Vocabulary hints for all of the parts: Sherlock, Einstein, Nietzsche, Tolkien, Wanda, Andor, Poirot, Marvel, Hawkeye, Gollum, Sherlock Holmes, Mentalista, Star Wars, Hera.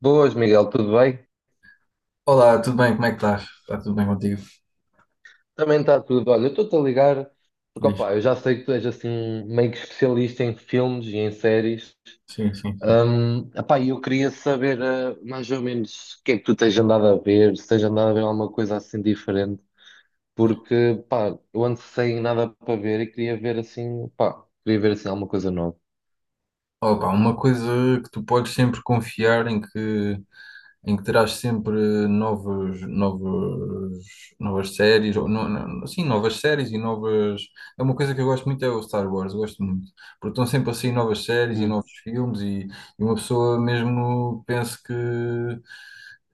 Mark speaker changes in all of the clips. Speaker 1: Boas, Miguel, tudo bem?
Speaker 2: Olá, tudo bem? Como é que estás? Está tudo bem contigo?
Speaker 1: Também está tudo. Olha, eu estou-te a ligar porque,
Speaker 2: Diz.
Speaker 1: opá, eu já sei que tu és assim meio que especialista em filmes e em séries.
Speaker 2: Sim, sim, sim.
Speaker 1: E eu queria saber mais ou menos o que é que tu tens andado a ver, se tens andado a ver alguma coisa assim diferente, porque, pá, eu ando sem nada para ver e queria ver assim, pá, queria ver assim alguma coisa nova.
Speaker 2: Opa, uma coisa que tu podes sempre confiar em que terás sempre novos, novos, novas séries, ou sim, novas séries e novas. É uma coisa que eu gosto muito, é o Star Wars, eu gosto muito, porque estão sempre a sair novas séries e
Speaker 1: Hum.
Speaker 2: novos filmes e uma pessoa mesmo pensa que,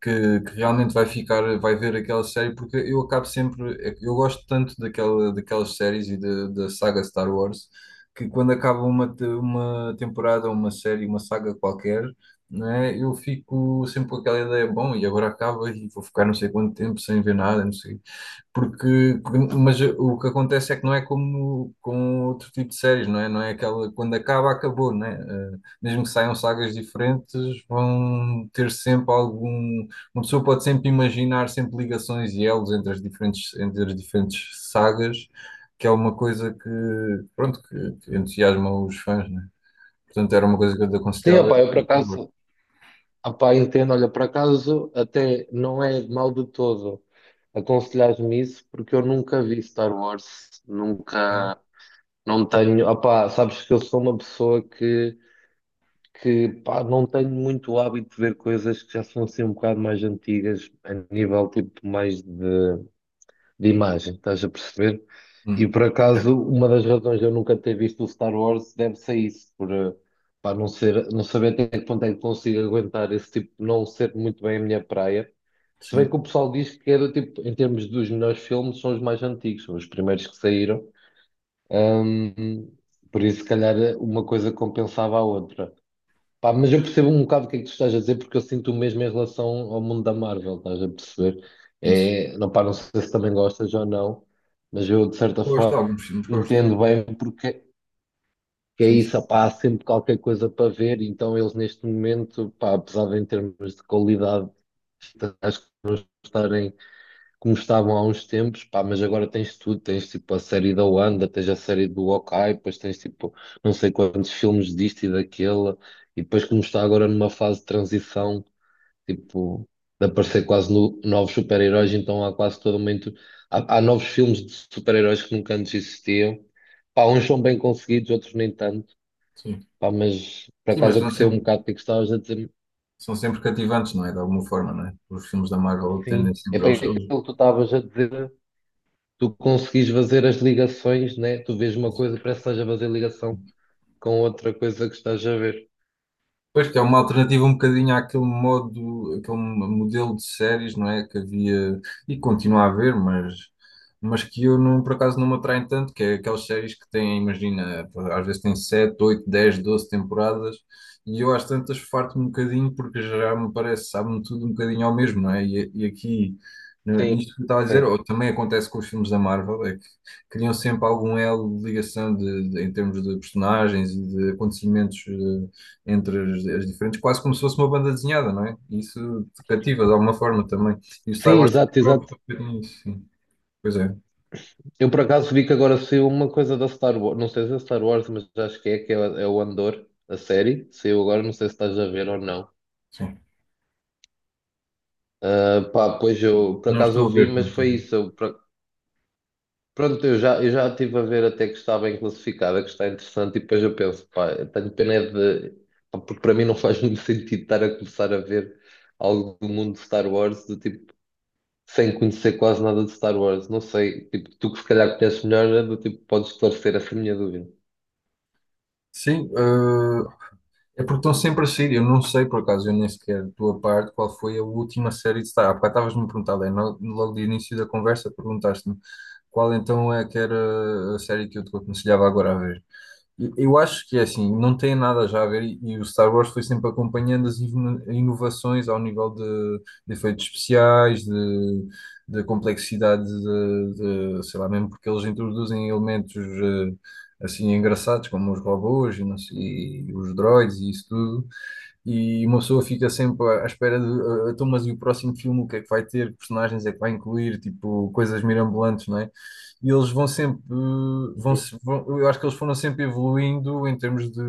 Speaker 2: que, que realmente vai ficar, vai ver aquela série, porque eu acabo sempre, eu gosto tanto daquelas séries e da saga Star Wars que quando acaba uma, uma temporada, uma série, uma saga qualquer, né, eu fico sempre com aquela ideia, bom, e agora acaba e vou ficar não sei quanto tempo sem ver nada, não sei. Mas o que acontece é que não é como com outro tipo de séries, não é? Não é aquela, quando acaba, acabou, não é? Mesmo que saiam sagas diferentes, vão ter sempre algum. Uma pessoa pode sempre imaginar sempre ligações e elos entre as diferentes sagas, que é uma coisa que, pronto, que entusiasma os fãs, não é? Portanto, era uma coisa que eu te
Speaker 1: Sim,
Speaker 2: aconselhava. Era
Speaker 1: opá, eu por
Speaker 2: este favor.
Speaker 1: acaso. Ah, pá, entendo, olha, por acaso até não é mal de todo aconselhar-me isso, porque eu nunca vi Star Wars,
Speaker 2: Ah,
Speaker 1: nunca, não tenho, ah, pá, sabes que eu sou uma pessoa que pá, não tenho muito hábito de ver coisas que já são assim um bocado mais antigas, a nível tipo mais de imagem, estás a perceber? E
Speaker 2: hum,
Speaker 1: por
Speaker 2: certo.
Speaker 1: acaso, uma das razões de eu nunca ter visto o Star Wars deve-se a isso, por, pá, não ser, não saber até que ponto é que consigo aguentar esse tipo, não ser muito bem a minha praia. Se bem
Speaker 2: Sim,
Speaker 1: que o pessoal diz que é do tipo, em termos dos melhores filmes, são os mais antigos, são os primeiros que saíram. Ahm, por isso, se calhar, uma coisa compensava a outra. Pá, mas eu percebo um bocado o que é que tu estás a dizer, porque eu sinto o mesmo em relação ao mundo da Marvel, estás a perceber?
Speaker 2: isso.
Speaker 1: É, não, pá, não sei se também gostas ou não, mas eu, de certa
Speaker 2: Gosto de
Speaker 1: forma,
Speaker 2: alguns filmes, gosto.
Speaker 1: entendo bem porque que é
Speaker 2: Sim, sim,
Speaker 1: isso, pá, há sempre qualquer coisa para ver, então eles, neste momento, pá, apesar de em termos de qualidade, acho que estarem como estavam há uns tempos, pá, mas agora tens tudo, tens tipo a série da Wanda, tens a série do Hawkeye, depois tens tipo não sei quantos filmes disto e daquele, e depois como está agora numa fase de transição, tipo, de aparecer quase no- novos super-heróis, então há quase todo momento, há novos filmes de super-heróis que nunca antes existiam, pá, uns são bem conseguidos, outros nem tanto,
Speaker 2: sim.
Speaker 1: pá, mas por
Speaker 2: Sim, mas
Speaker 1: acaso eu
Speaker 2: não
Speaker 1: percebo um
Speaker 2: sempre.
Speaker 1: bocado o que é que estavas a dizer,
Speaker 2: São sempre cativantes, não é? De alguma forma, não é? Os filmes da Marvel
Speaker 1: sim,
Speaker 2: tendem
Speaker 1: é
Speaker 2: sempre,
Speaker 1: bem
Speaker 2: eles,
Speaker 1: aquilo
Speaker 2: eles
Speaker 1: que tu estavas a dizer, tu conseguis fazer as ligações, né? Tu vês uma coisa, parece que estás a fazer ligação com outra coisa que estás a ver.
Speaker 2: Pois que é uma alternativa um bocadinho àquele modo, aquele modelo de séries, não é? Que havia e continua a haver, mas que eu não, por acaso não me atraem tanto, que é aquelas séries que têm, imagina, às vezes têm 7 8 10 12 temporadas e eu às tantas farto-me um bocadinho porque já me parece, sabe-me tudo um bocadinho ao mesmo, não é? E aqui,
Speaker 1: Sim,
Speaker 2: nisto que eu estava a dizer,
Speaker 1: sim.
Speaker 2: ou também acontece com os filmes da Marvel, é que criam sempre algum elo de ligação em termos de personagens e de acontecimentos. Entre as diferentes, quase como se fosse uma banda desenhada, não é? E isso te cativa de alguma forma também. E o Star
Speaker 1: Sim,
Speaker 2: Wars também
Speaker 1: exato,
Speaker 2: acaba por
Speaker 1: exato.
Speaker 2: ter feito nisso, sim. Pois é,
Speaker 1: Eu por acaso vi que agora saiu uma coisa da Star Wars, não sei se é Star Wars, mas acho que é, é o Andor, a série. Saiu agora, não sei se estás a ver ou não.
Speaker 2: sim.
Speaker 1: Ah, pá, pois eu, por
Speaker 2: Não
Speaker 1: acaso
Speaker 2: estou
Speaker 1: eu
Speaker 2: a
Speaker 1: vi,
Speaker 2: ver.
Speaker 1: mas foi isso. Eu, por- pronto, eu já estive a ver até que está bem classificada, que está interessante, e depois eu penso, pá, eu tenho pena é de. Pá, porque para mim não faz muito sentido estar a começar a ver algo do mundo de Star Wars, do tipo, sem conhecer quase nada de Star Wars. Não sei, tipo, tu que se calhar conheces melhor, é do tipo, podes esclarecer essa minha dúvida.
Speaker 2: Sim, é porque estão sempre a sair. Eu não sei, por acaso, eu nem sequer, da tua parte, qual foi a última série de Star Wars. Há bocado estavas-me a perguntar, Lé, logo de início da conversa, perguntaste-me qual então é que era a série que eu te aconselhava agora a ver. Eu acho que é assim, não tem nada já a ver, e o Star Wars foi sempre acompanhando as inovações ao nível de efeitos especiais, de complexidade, sei lá, mesmo porque eles introduzem elementos assim engraçados, como os robôs e, não sei- e os droids e isso tudo, e uma pessoa fica sempre à espera de ah, ah, então, mas e o próximo filme, o que é que vai ter, que personagens é que vai incluir, tipo, coisas mirabolantes, não é? E eles vão sempre, eh, vão,
Speaker 1: Uhum.
Speaker 2: se- vão- eu acho que eles foram sempre evoluindo em termos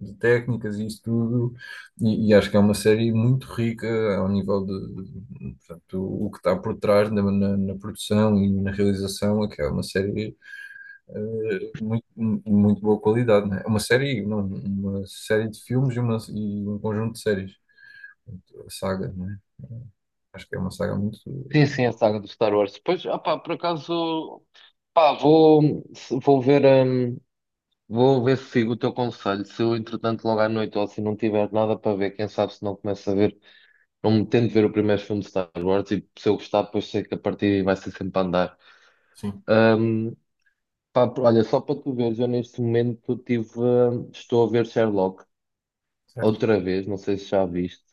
Speaker 2: de técnicas e isso tudo, e acho que é uma série muito rica ao nível portanto, o que está por trás na produção e na realização, é que é uma série muito, muito boa qualidade, né? É uma série, não, uma série de filmes e, uma, e um conjunto de séries. Portanto, a saga, né? Acho que é uma saga muito.
Speaker 1: Sim, sim, a saga do Star Wars. Pois, ah pá, por acaso, pá, vou, se- vou ver se sigo o teu conselho. Se eu, entretanto, logo à noite ou se não tiver nada para ver, quem sabe se não começo a ver. Não tento ver o primeiro filme de Star Wars e se eu gostar, depois sei que a partir daí vai ser sempre a andar.
Speaker 2: Sim,
Speaker 1: Ahm, Pá, olha, só para tu veres, eu neste momento tive, ah, estou a ver Sherlock
Speaker 2: certo.
Speaker 1: outra vez, não sei se já viste.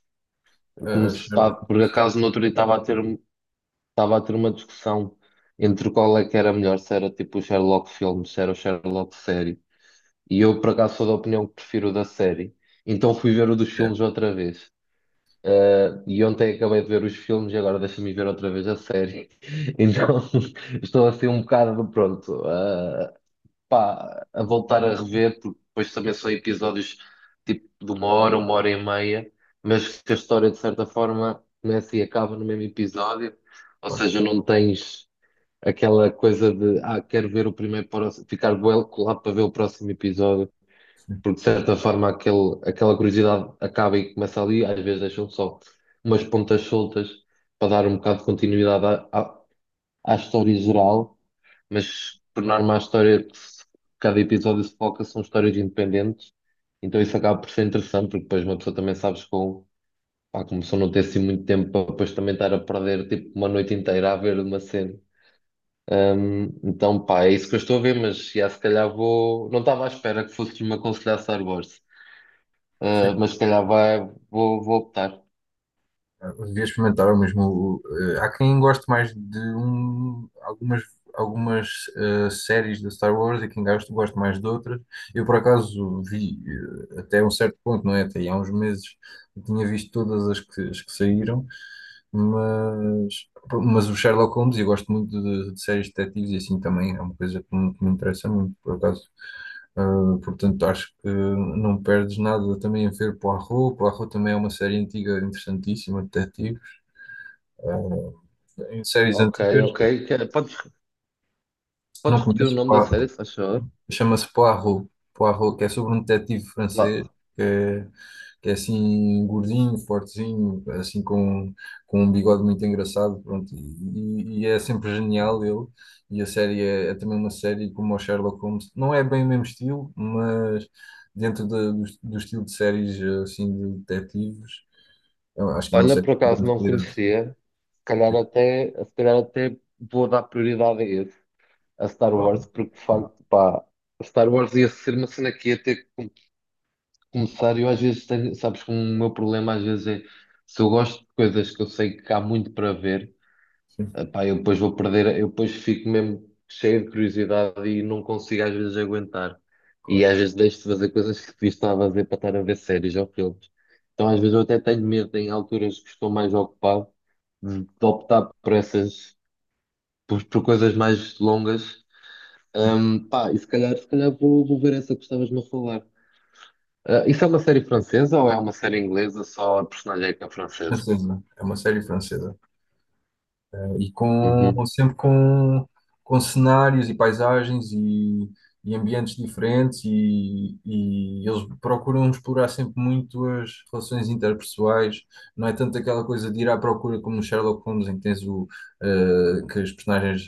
Speaker 1: Eu
Speaker 2: Eh,
Speaker 1: comecei, pá,
Speaker 2: Sherlock,
Speaker 1: por acaso no outro dia estava a ter, um, estava a ter uma discussão entre qual é que era melhor, se era tipo o Sherlock filme, se era o Sherlock série. E eu por acaso sou da opinião que prefiro o da série. Então fui ver o dos
Speaker 2: é,
Speaker 1: filmes outra vez. E ontem acabei de ver os filmes e agora deixa-me ver outra vez a série. Então estou assim um bocado pronto, pá, a voltar a rever, porque depois também são episódios tipo de uma hora e meia, mas que a história de certa forma começa e acaba no mesmo episódio, ou
Speaker 2: claro,
Speaker 1: seja, não tens aquela coisa de ah, quero ver o primeiro para o- ficar bué colado para ver o próximo episódio
Speaker 2: sim.
Speaker 1: porque de certa forma aquele, aquela curiosidade acaba e começa ali, às vezes deixam só umas pontas soltas para dar um bocado de continuidade à história geral, mas por norma a história que se- cada episódio se foca são histórias independentes, então isso acaba por ser interessante, porque depois uma pessoa também sabes com, pá, como só não ter assim muito tempo para depois também estar a perder tipo uma noite inteira a ver uma cena. Então, pá, é isso que eu estou a ver, mas já, se calhar vou. Não estava à espera que fosses me aconselhar Star Wars.
Speaker 2: Sim.
Speaker 1: Mas se calhar vai, vou optar.
Speaker 2: Devia experimentar o mesmo. Há quem goste mais de um, algumas séries da Star Wars e quem gosta, gosta mais de outras. Eu, por acaso, vi até um certo ponto, não é? Até aí há uns meses eu tinha visto todas as que saíram, mas, mas o Sherlock Holmes, eu gosto muito de séries de detetives e assim também é uma coisa que me interessa muito, por acaso. Portanto, acho que não perdes nada também a ver Poirot. Poirot também é uma série antiga interessantíssima, de detetives. Uh, Em séries
Speaker 1: Ok,
Speaker 2: antigas,
Speaker 1: ok. Que- podes, podes
Speaker 2: não
Speaker 1: repetir o
Speaker 2: conheces,
Speaker 1: nome da série, se faz favor?
Speaker 2: chama-se Poirot. Poirot, que é sobre um detetive francês,
Speaker 1: Lá.
Speaker 2: que é, que é assim gordinho, fortezinho, assim com um bigode muito engraçado, pronto, e é sempre genial ele. E a série é, é também uma série como o Sherlock Holmes, não é bem o mesmo estilo, mas dentro do estilo de séries assim de detetives, eu acho que é uma
Speaker 1: Olha,
Speaker 2: série
Speaker 1: por
Speaker 2: de
Speaker 1: acaso
Speaker 2: grande
Speaker 1: não
Speaker 2: qualidade.
Speaker 1: conhecia. Se calhar até, se calhar até vou dar prioridade a esse, a Star
Speaker 2: Claro.
Speaker 1: Wars, porque de facto, pá, Star Wars ia ser uma cena que ia ter que começar. Eu às vezes tenho, sabes que o meu problema às vezes é se eu gosto de coisas que eu sei que há muito para ver.
Speaker 2: Sim,
Speaker 1: Epá, eu depois vou perder, eu depois fico mesmo cheio de curiosidade e não consigo às vezes aguentar. E
Speaker 2: claro.
Speaker 1: às vezes deixo de fazer coisas que devia estar a fazer para estar a ver séries ou filmes. Então às vezes eu até tenho medo, em alturas que estou mais ocupado, de optar por essas, por coisas mais longas. Pá, e se calhar, se calhar vou, vou ver essa que estavas-me a falar. Ah, isso é uma série francesa ou é uma série inglesa? Só a personagem é que é francesa?
Speaker 2: Francesa, é uma série francesa. E com
Speaker 1: Uhum.
Speaker 2: sempre com cenários e paisagens e ambientes diferentes e eles procuram explorar sempre muito as relações interpessoais. Não é tanto aquela coisa de ir à procura como no Sherlock Holmes, em que tens o que as personagens.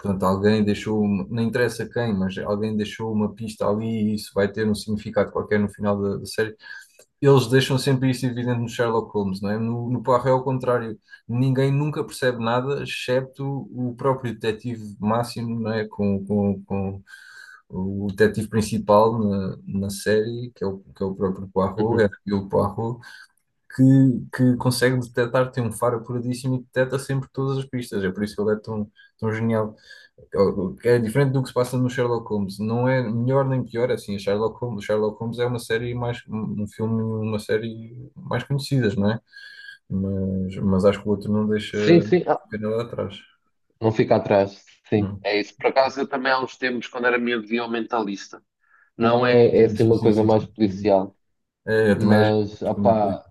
Speaker 2: Portanto, alguém deixou, não interessa quem, mas alguém deixou uma pista ali e isso vai ter um significado qualquer no final da série. Eles deixam sempre isso evidente no Sherlock Holmes, não é? No Poirot é o contrário. Ninguém nunca percebe nada, excepto o próprio detetive máximo, não é? Com o detetive principal na série, que é que é o próprio Poirot,
Speaker 1: Uhum.
Speaker 2: é o Poirot, que, que consegue detectar, tem um faro apuradíssimo e detecta sempre todas as pistas. É por isso que ele é tão, tão genial. É diferente do que se passa no Sherlock Holmes. Não é melhor nem pior, é assim, a Sherlock Holmes, o Sherlock Holmes é uma série mais, um filme, uma série mais conhecidas, não é? Mas acho que o outro não deixa
Speaker 1: Sim, sim.
Speaker 2: ficar nada atrás,
Speaker 1: Não fica atrás, sim.
Speaker 2: não.
Speaker 1: É isso. Por acaso, eu também há uns tempos, quando era miúdo, via o Mentalista. Não é, é
Speaker 2: Sim,
Speaker 1: assim
Speaker 2: sim,
Speaker 1: uma
Speaker 2: sim,
Speaker 1: coisa
Speaker 2: sim,
Speaker 1: mais
Speaker 2: sim.
Speaker 1: policial,
Speaker 2: É,
Speaker 1: mas,
Speaker 2: eu também fui.
Speaker 1: opá,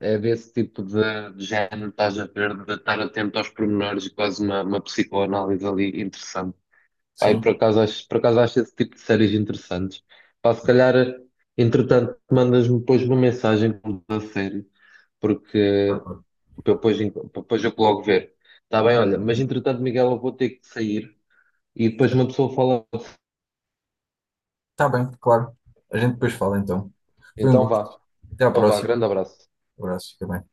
Speaker 1: é desse tipo de género, estás a ver, de estar atento aos pormenores e quase uma psicoanálise ali interessante. Pá, e
Speaker 2: Sim,
Speaker 1: por acaso acho esse tipo de séries interessantes. Pá, se calhar, entretanto, mandas-me depois uma mensagem da série, porque
Speaker 2: claro, claro.
Speaker 1: para eu depois, enco- para depois eu logo ver. Está bem, olha, mas entretanto, Miguel, eu vou ter que sair e depois uma pessoa fala,
Speaker 2: Está bem, claro. A gente depois fala então. Foi um
Speaker 1: então
Speaker 2: gosto.
Speaker 1: vá,
Speaker 2: Até à
Speaker 1: então vá,
Speaker 2: próxima.
Speaker 1: grande abraço.
Speaker 2: Um abraço, fica bem.